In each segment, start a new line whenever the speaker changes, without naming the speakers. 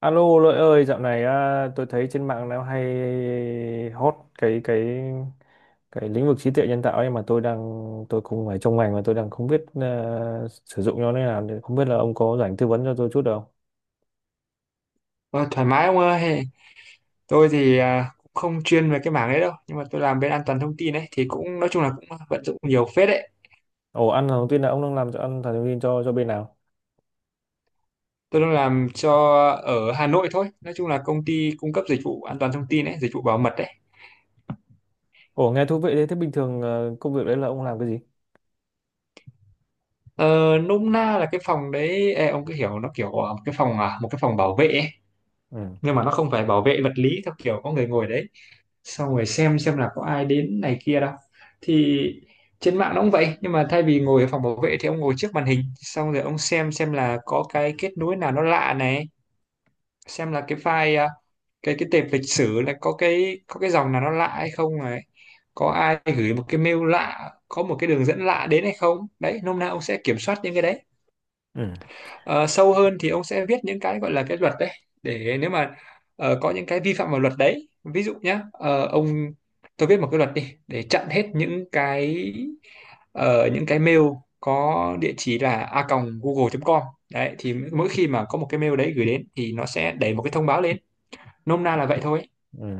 Alo Lợi ơi, dạo này tôi thấy trên mạng nó hay hot cái lĩnh vực trí tuệ nhân tạo ấy mà tôi cũng phải trong ngành mà tôi đang không biết sử dụng nó như nào, thì không biết là ông có rảnh tư vấn cho tôi chút được không?
Ờ, Thoải mái ông ơi. Tôi thì cũng không chuyên về cái mảng đấy đâu, nhưng mà tôi làm bên an toàn thông tin ấy thì cũng nói chung là cũng vận dụng nhiều phết đấy.
Ồ, ăn thông tin là ông đang làm cho ăn thần thông tin cho bên nào?
Tôi đang làm cho ở Hà Nội thôi, nói chung là công ty cung cấp dịch vụ an toàn thông tin ấy, dịch vụ bảo mật đấy.
Ồ, nghe thú vị đấy. Thế bình thường công việc đấy là ông làm cái gì?
Ờ, Nôm na là cái phòng đấy, ông cứ hiểu nó kiểu một cái phòng, một cái phòng bảo vệ ấy.
Ừ.
Nhưng mà nó không phải bảo vệ vật lý theo kiểu có người ngồi đấy xong rồi xem là có ai đến này kia đâu. Thì trên mạng nó cũng vậy, nhưng mà thay vì ngồi ở phòng bảo vệ thì ông ngồi trước màn hình, xong rồi ông xem là có cái kết nối nào nó lạ này, xem là cái file cái tệp lịch sử là có cái dòng nào nó lạ hay không này, có ai gửi một cái mail lạ, có một cái đường dẫn lạ đến hay không đấy. Nôm na ông sẽ kiểm soát những cái đấy.
Ừ.
Ờ, sâu hơn thì ông sẽ viết những cái gọi là cái luật đấy, để nếu mà có những cái vi phạm vào luật đấy, ví dụ nhá, ờ, ông tôi viết một cái luật đi để chặn hết những cái những cái mail có địa chỉ là a google.com đấy, thì mỗi khi mà có một cái mail đấy gửi đến thì nó sẽ đẩy một cái thông báo lên. Nôm na là vậy thôi.
Ừ.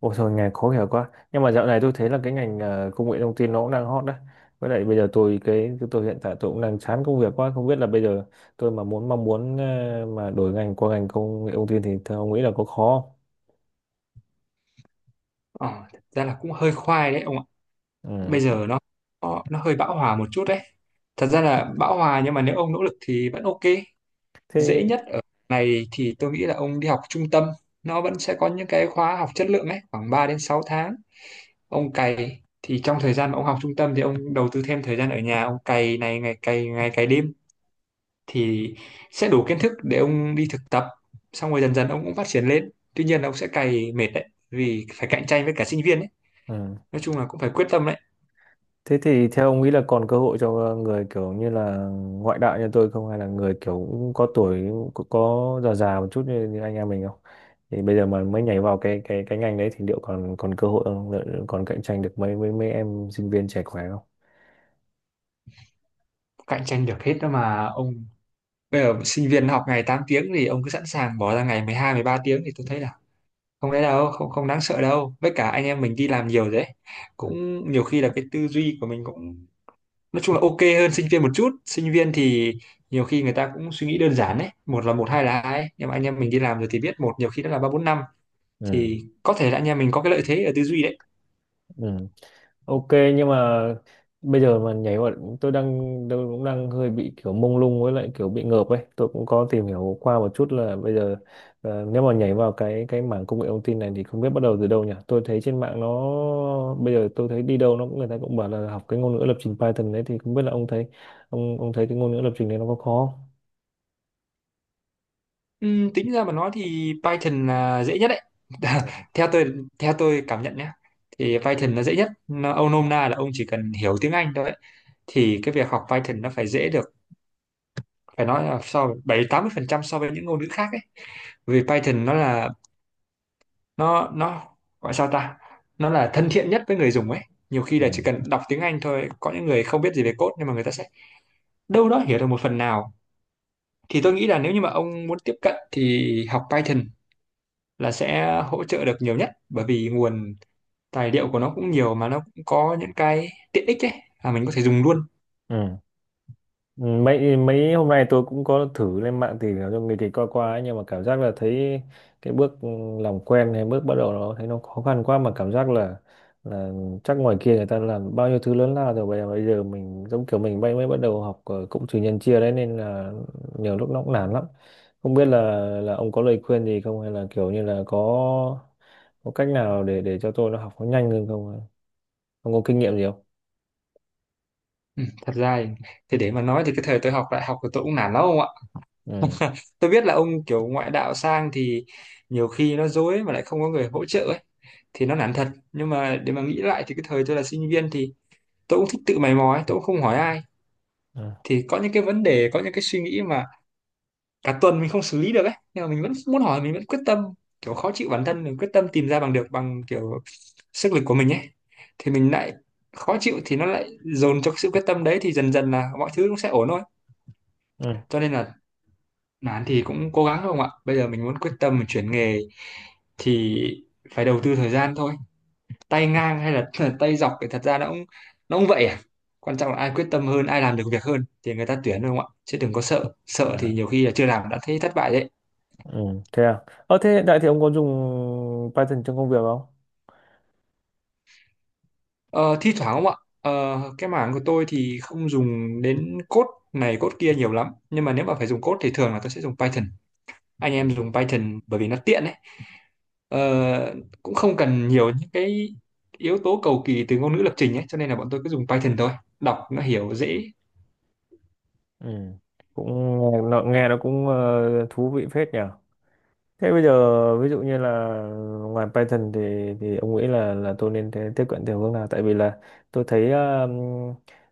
Ôi thôi, ngành khó hiểu quá. Nhưng mà dạo này tôi thấy là cái ngành công nghệ thông tin nó cũng đang hot đấy. Với lại bây giờ tôi cái tôi hiện tại tôi cũng đang chán công việc quá. Không biết là bây giờ tôi mà muốn mong muốn mà đổi ngành qua ngành công nghệ thông tin. Thì theo ông nghĩ là có khó không?
ờ, Thật ra là cũng hơi khoai đấy ông ạ. Bây
Ừ.
giờ nó nó hơi bão hòa một chút đấy. Thật ra là bão hòa, nhưng mà nếu ông nỗ lực thì vẫn ok. Dễ
Thế
nhất ở này thì tôi nghĩ là ông đi học trung tâm, nó vẫn sẽ có những cái khóa học chất lượng ấy, khoảng 3 đến 6 tháng. Ông cày thì trong thời gian mà ông học trung tâm thì ông đầu tư thêm thời gian ở nhà, ông cày này, ngày cày đêm, thì sẽ đủ kiến thức để ông đi thực tập. Xong rồi dần dần ông cũng phát triển lên, tuy nhiên là ông sẽ cày mệt đấy vì phải cạnh tranh với cả sinh viên ấy.
ừ.
Nói chung là cũng phải quyết tâm đấy.
Thế thì theo ông nghĩ là còn cơ hội cho người kiểu như là ngoại đạo như tôi không, hay là người kiểu cũng có tuổi, có già già một chút như anh em mình không? Thì bây giờ mà mới nhảy vào cái ngành đấy thì liệu còn còn cơ hội không? Liệu còn cạnh tranh được mấy mấy mấy em sinh viên trẻ khỏe không?
Cạnh tranh được hết đó mà ông. Bây giờ sinh viên học ngày 8 tiếng thì ông cứ sẵn sàng bỏ ra ngày 12-13 tiếng, thì tôi thấy là không đấy đâu, không, không đáng sợ đâu. Với cả anh em mình đi làm nhiều rồi đấy,
Ừ.
cũng nhiều khi là cái tư duy của mình cũng nói chung là ok hơn sinh viên một chút. Sinh viên thì nhiều khi người ta cũng suy nghĩ đơn giản đấy, một là một hai là hai ấy. Nhưng mà anh em mình đi làm rồi thì biết một nhiều khi đã là ba bốn năm,
Ừ.
thì có thể là anh em mình có cái lợi thế ở tư duy đấy.
Ừ. Ok, nhưng mà bây giờ mà nhảy vào, tôi đang tôi cũng đang hơi bị kiểu mông lung, với lại kiểu bị ngợp ấy. Tôi cũng có tìm hiểu qua một chút là bây giờ nếu mà nhảy vào cái mảng công nghệ thông tin này thì không biết bắt đầu từ đâu nhỉ. Tôi thấy trên mạng nó bây giờ tôi thấy đi đâu nó cũng người ta cũng bảo là học cái ngôn ngữ lập trình Python đấy, thì không biết là ông thấy ông thấy cái ngôn ngữ lập trình này nó có khó
Tính ra mà nói thì Python là dễ nhất đấy.
không?
Theo tôi, theo tôi cảm nhận nhé, thì Python là dễ nhất. Ông nôm na là ông chỉ cần hiểu tiếng Anh thôi ấy, thì cái việc học Python nó phải dễ được. Phải nói là so 70-80% so với những ngôn ngữ khác ấy. Vì Python nó là, nó gọi sao ta, nó là thân thiện nhất với người dùng ấy. Nhiều khi
Ừ.
là chỉ cần đọc tiếng Anh thôi, có những người không biết gì về code nhưng mà người ta sẽ đâu đó hiểu được một phần nào. Thì tôi nghĩ là nếu như mà ông muốn tiếp cận thì học Python là sẽ hỗ trợ được nhiều nhất, bởi vì nguồn tài liệu của nó cũng nhiều, mà nó cũng có những cái tiện ích ấy mà mình có thể dùng luôn.
Ừ. Ừ, mấy mấy hôm nay tôi cũng có thử lên mạng tìm hiểu cho người thì qua qua ấy, nhưng mà cảm giác là thấy cái bước làm quen hay bước bắt đầu nó thấy nó khó khăn quá, mà cảm giác là chắc ngoài kia người ta làm bao nhiêu thứ lớn lao rồi, bây giờ mình giống kiểu mình mới mới bắt đầu học cũng trừ nhân chia đấy, nên là nhiều lúc nó cũng nản lắm. Không biết là ông có lời khuyên gì không, hay là kiểu như là có cách nào để cho tôi nó học nó nhanh hơn không, ông có kinh nghiệm gì không?
Thật ra thì để mà nói thì cái thời tôi học đại học của tôi cũng nản lắm.
Ừ.
Tôi biết là ông kiểu ngoại đạo sang thì nhiều khi nó dối mà lại không có người hỗ trợ ấy, thì nó nản thật. Nhưng mà để mà nghĩ lại thì cái thời tôi là sinh viên thì tôi cũng thích tự mày mò ấy, tôi cũng không hỏi ai. Thì có những cái vấn đề, có những cái suy nghĩ mà cả tuần mình không xử lý được ấy, nhưng mà mình vẫn muốn hỏi, mình vẫn quyết tâm, kiểu khó chịu bản thân mình, quyết tâm tìm ra bằng được bằng kiểu sức lực của mình ấy. Thì mình lại khó chịu thì nó lại dồn cho cái sự quyết tâm đấy, thì dần dần là mọi thứ cũng sẽ ổn thôi.
Ừ.
Cho nên là nán thì cũng cố gắng không ạ? Bây giờ mình muốn quyết tâm mình chuyển nghề thì phải đầu tư thời gian thôi. Tay ngang hay là tay dọc thì thật ra nó cũng, nó cũng vậy à. Quan trọng là ai quyết tâm hơn, ai làm được việc hơn thì người ta tuyển thôi không ạ? Chứ đừng có sợ, sợ thì nhiều khi là chưa làm đã thấy thất bại đấy.
Ừ thế à. Ờ thế hiện tại thì ông có dùng Python trong công việc không?
Ờ, thi thoảng không ạ? Ờ, cái mảng của tôi thì không dùng đến code này code kia nhiều lắm. Nhưng mà nếu mà phải dùng code thì thường là tôi sẽ dùng Python. Anh
Ừ.
em dùng Python bởi vì nó tiện ấy. Ờ, Cũng không cần nhiều những cái yếu tố cầu kỳ từ ngôn ngữ lập trình ấy, cho nên là bọn tôi cứ dùng Python thôi, đọc nó hiểu dễ.
Ừ, cũng nghe nó, nghe nó cũng thú vị phết nhỉ. Thế bây giờ ví dụ như là ngoài Python thì ông nghĩ là tôi nên thế- tiếp cận theo hướng nào? Tại vì là tôi thấy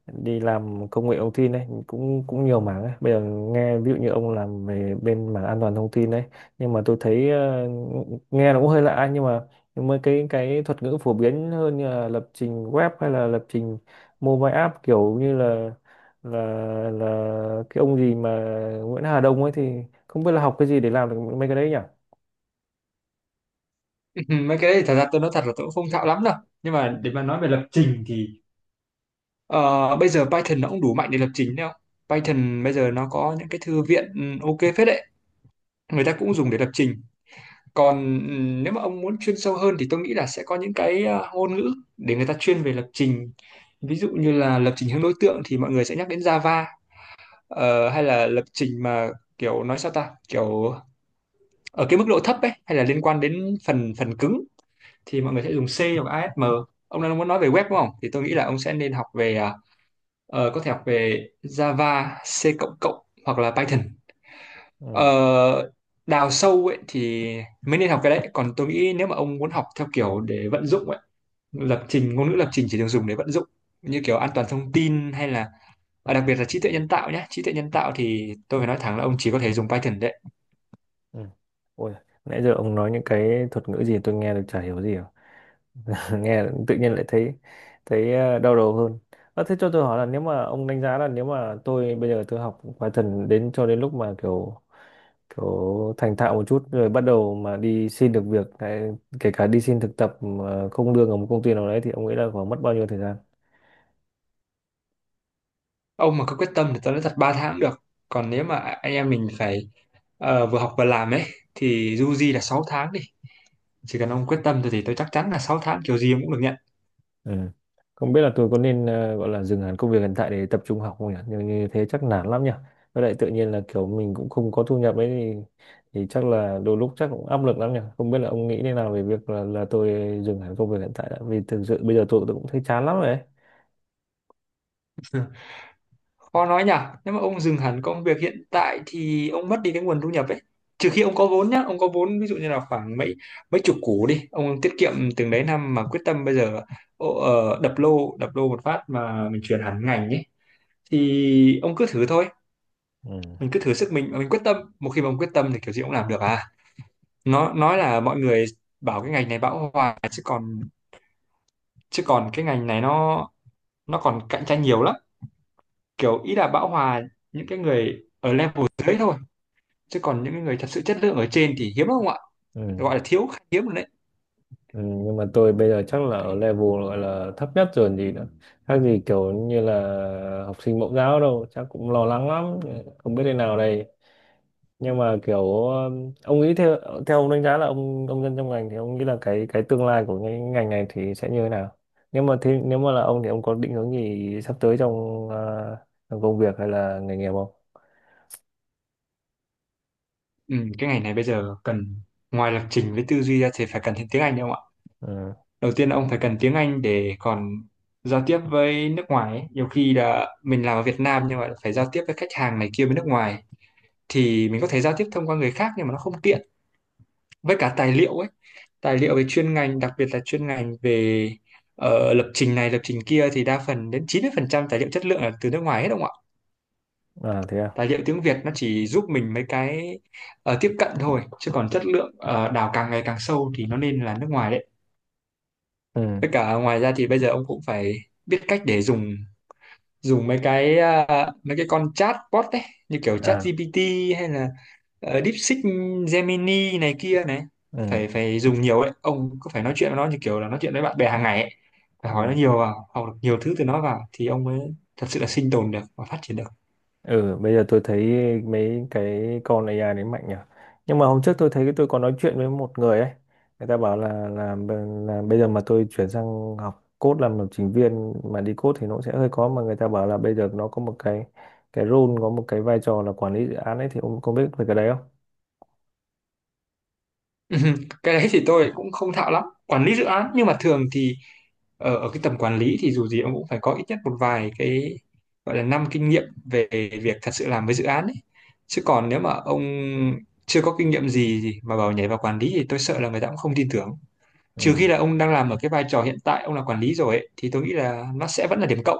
đi làm công nghệ thông tin đấy cũng cũng nhiều mảng ấy. Bây giờ nghe ví dụ như ông làm về bên mảng an toàn thông tin đấy, nhưng mà tôi thấy nghe nó cũng hơi lạ, nhưng mà cái thuật ngữ phổ biến hơn như là lập trình web hay là lập trình mobile app, kiểu như là là là cái ông gì mà Nguyễn Hà Đông ấy, thì không biết là học cái gì để làm được mấy cái đấy nhỉ?
Mấy cái đấy thì thật ra tôi nói thật là tôi cũng không thạo lắm. Đâu nhưng mà
Ừ.
để mà nói về lập trình thì ờ, bây giờ Python nó cũng đủ mạnh để lập trình đâu. Python bây giờ nó có những cái thư viện ok phết đấy, người ta cũng dùng để lập trình. Còn nếu mà ông muốn chuyên sâu hơn thì tôi nghĩ là sẽ có những cái ngôn ngữ để người ta chuyên về lập trình. Ví dụ như là lập trình hướng đối tượng thì mọi người sẽ nhắc đến Java. Ờ, hay là lập trình mà kiểu nói sao ta, kiểu ở cái mức độ thấp ấy, hay là liên quan đến phần phần cứng, thì mọi người sẽ dùng C hoặc ASM. Ông đang muốn nói về web đúng không, thì tôi nghĩ là ông sẽ nên học về có thể học về Java, C++ hoặc là Python. Ờ,
Ừ.
đào sâu ấy thì mới nên học cái đấy. Còn tôi nghĩ nếu mà ông muốn học theo kiểu để vận dụng ấy, lập trình ngôn ngữ lập trình chỉ được dùng để vận dụng như kiểu an toàn thông tin, hay là và đặc biệt là trí tuệ nhân tạo nhé. Trí tuệ nhân tạo thì tôi phải nói thẳng là ông chỉ có thể dùng Python đấy.
Ừ. Ôi, nãy giờ ông nói những cái thuật ngữ gì tôi nghe được chả hiểu gì cả. Nghe tự nhiên lại thấy thấy đau đầu hơn. À, thế cho tôi hỏi là nếu mà ông đánh giá là nếu mà tôi bây giờ tôi học Python đến cho đến lúc mà kiểu kiểu thành thạo một chút rồi bắt đầu mà đi xin được việc, cái- kể cả đi xin thực tập mà không lương ở một công ty nào đấy, thì ông nghĩ là khoảng mất bao nhiêu thời gian?
Ông mà có quyết tâm thì tao nói thật 3 tháng cũng được. Còn nếu mà anh em mình phải vừa học vừa làm ấy thì du di là 6 tháng đi. Chỉ cần ông quyết tâm thì tôi chắc chắn là 6 tháng kiểu gì ông cũng được nhận.
Ừ. Không biết là tôi có nên gọi là dừng hẳn công việc hiện tại để tập trung học không nhỉ? Nhưng như thế chắc nản lắm nhỉ. Với lại tự nhiên là kiểu mình cũng không có thu nhập ấy, thì chắc là đôi lúc chắc cũng áp lực lắm nhỉ. Không biết là ông nghĩ thế nào về việc là dừng hẳn công việc hiện tại đã. Vì thực sự bây giờ tôi cũng thấy chán lắm rồi ấy.
Khó nói nhở. Nếu mà ông dừng hẳn công việc hiện tại thì ông mất đi cái nguồn thu nhập ấy, trừ khi ông có vốn nhá. Ông có vốn ví dụ như là khoảng mấy mấy chục củ đi, ông tiết kiệm từng đấy năm mà quyết tâm bây giờ, đập lô một phát mà mình chuyển hẳn ngành ấy, thì ông cứ thử thôi.
Ừ.
Mình cứ thử sức mình, mà mình quyết tâm, một khi mà ông quyết tâm thì kiểu gì ông làm được à. Nó nói là mọi người bảo cái ngành này bão hòa, chứ còn cái ngành này nó còn cạnh tranh nhiều lắm. Kiểu ý là bão hòa những cái người ở level dưới thôi, chứ còn những cái người thật sự chất lượng ở trên thì hiếm không ạ,
Ừ.
gọi là thiếu, khá hiếm rồi đấy.
Ừ. Nhưng mà tôi bây giờ chắc là ở level gọi là thấp nhất rồi gì nữa. Khác gì kiểu như là học sinh mẫu giáo đâu, chắc cũng lo lắng lắm. Không biết thế nào đây. Nhưng mà kiểu ông nghĩ theo theo ông đánh giá là ông dân trong ngành thì ông nghĩ là cái tương lai của cái ngành này thì sẽ như thế nào, nếu mà thế, nếu mà là ông thì ông có định hướng gì sắp tới trong, trong công việc hay là nghề nghiệp không?
Ừ, cái ngành này bây giờ cần, ngoài lập trình với tư duy ra thì phải cần thêm tiếng Anh đúng không ạ.
Ừ.
Đầu tiên là ông phải cần tiếng Anh để còn giao tiếp với nước ngoài ấy. Nhiều khi là mình làm ở Việt Nam nhưng mà phải giao tiếp với khách hàng này kia bên nước ngoài, thì mình có thể giao tiếp thông qua người khác nhưng mà nó không tiện. Với cả tài liệu ấy, tài liệu về chuyên ngành, đặc biệt là chuyên ngành về lập trình này lập trình kia, thì đa phần đến 90% tài liệu chất lượng là từ nước ngoài hết đúng không ạ.
À thế à.
Tài liệu tiếng Việt nó chỉ giúp mình mấy cái tiếp cận thôi, chứ còn chất lượng đào càng ngày càng sâu thì nó nên là nước ngoài đấy.
Ừ.
Với cả ngoài ra thì bây giờ ông cũng phải biết cách để dùng dùng mấy cái mấy cái con chatbot đấy, như kiểu
À.
ChatGPT hay là DeepSeek, Gemini này kia này. phải
Ừ.
phải dùng nhiều ấy, ông cứ phải nói chuyện với nó như kiểu là nói chuyện với bạn bè hàng ngày ấy, phải
Ừ.
hỏi nó nhiều vào, học được nhiều thứ từ nó vào thì ông mới thật sự là sinh tồn được và phát triển được.
Ừ, bây giờ tôi thấy mấy cái con AI đấy mạnh nhỉ. Nhưng mà hôm trước tôi thấy tôi có nói chuyện với một người ấy. Người ta bảo là là bây giờ mà tôi chuyển sang học code làm lập trình viên mà đi code thì nó cũng sẽ hơi khó, mà người ta bảo là bây giờ nó có một cái role, có một cái vai trò là quản lý dự án ấy, thì ông có biết về cái đấy không?
Cái đấy thì tôi cũng không thạo lắm quản lý dự án. Nhưng mà thường thì ở cái tầm quản lý thì dù gì ông cũng phải có ít nhất một vài cái gọi là năm kinh nghiệm về việc thật sự làm với dự án ấy. Chứ còn nếu mà ông chưa có kinh nghiệm gì thì mà bảo nhảy vào quản lý thì tôi sợ là người ta cũng không tin tưởng. Trừ
Ừ.
khi là ông đang làm ở cái vai trò hiện tại ông là quản lý rồi ấy, thì tôi nghĩ là nó sẽ vẫn là điểm cộng.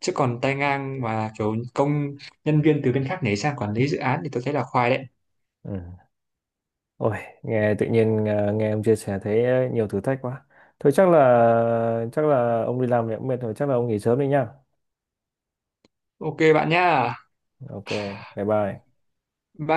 Chứ còn tay ngang mà kiểu công nhân viên từ bên khác nhảy sang quản lý dự án thì tôi thấy là khoai đấy.
Ừ. Ôi, nghe tự nhiên nghe ông chia sẻ thấy nhiều thử thách quá. Thôi chắc là ông đi làm thì cũng mệt rồi, chắc là ông nghỉ sớm đi nhá.
Ok bạn nhá.
Ok, bye bye.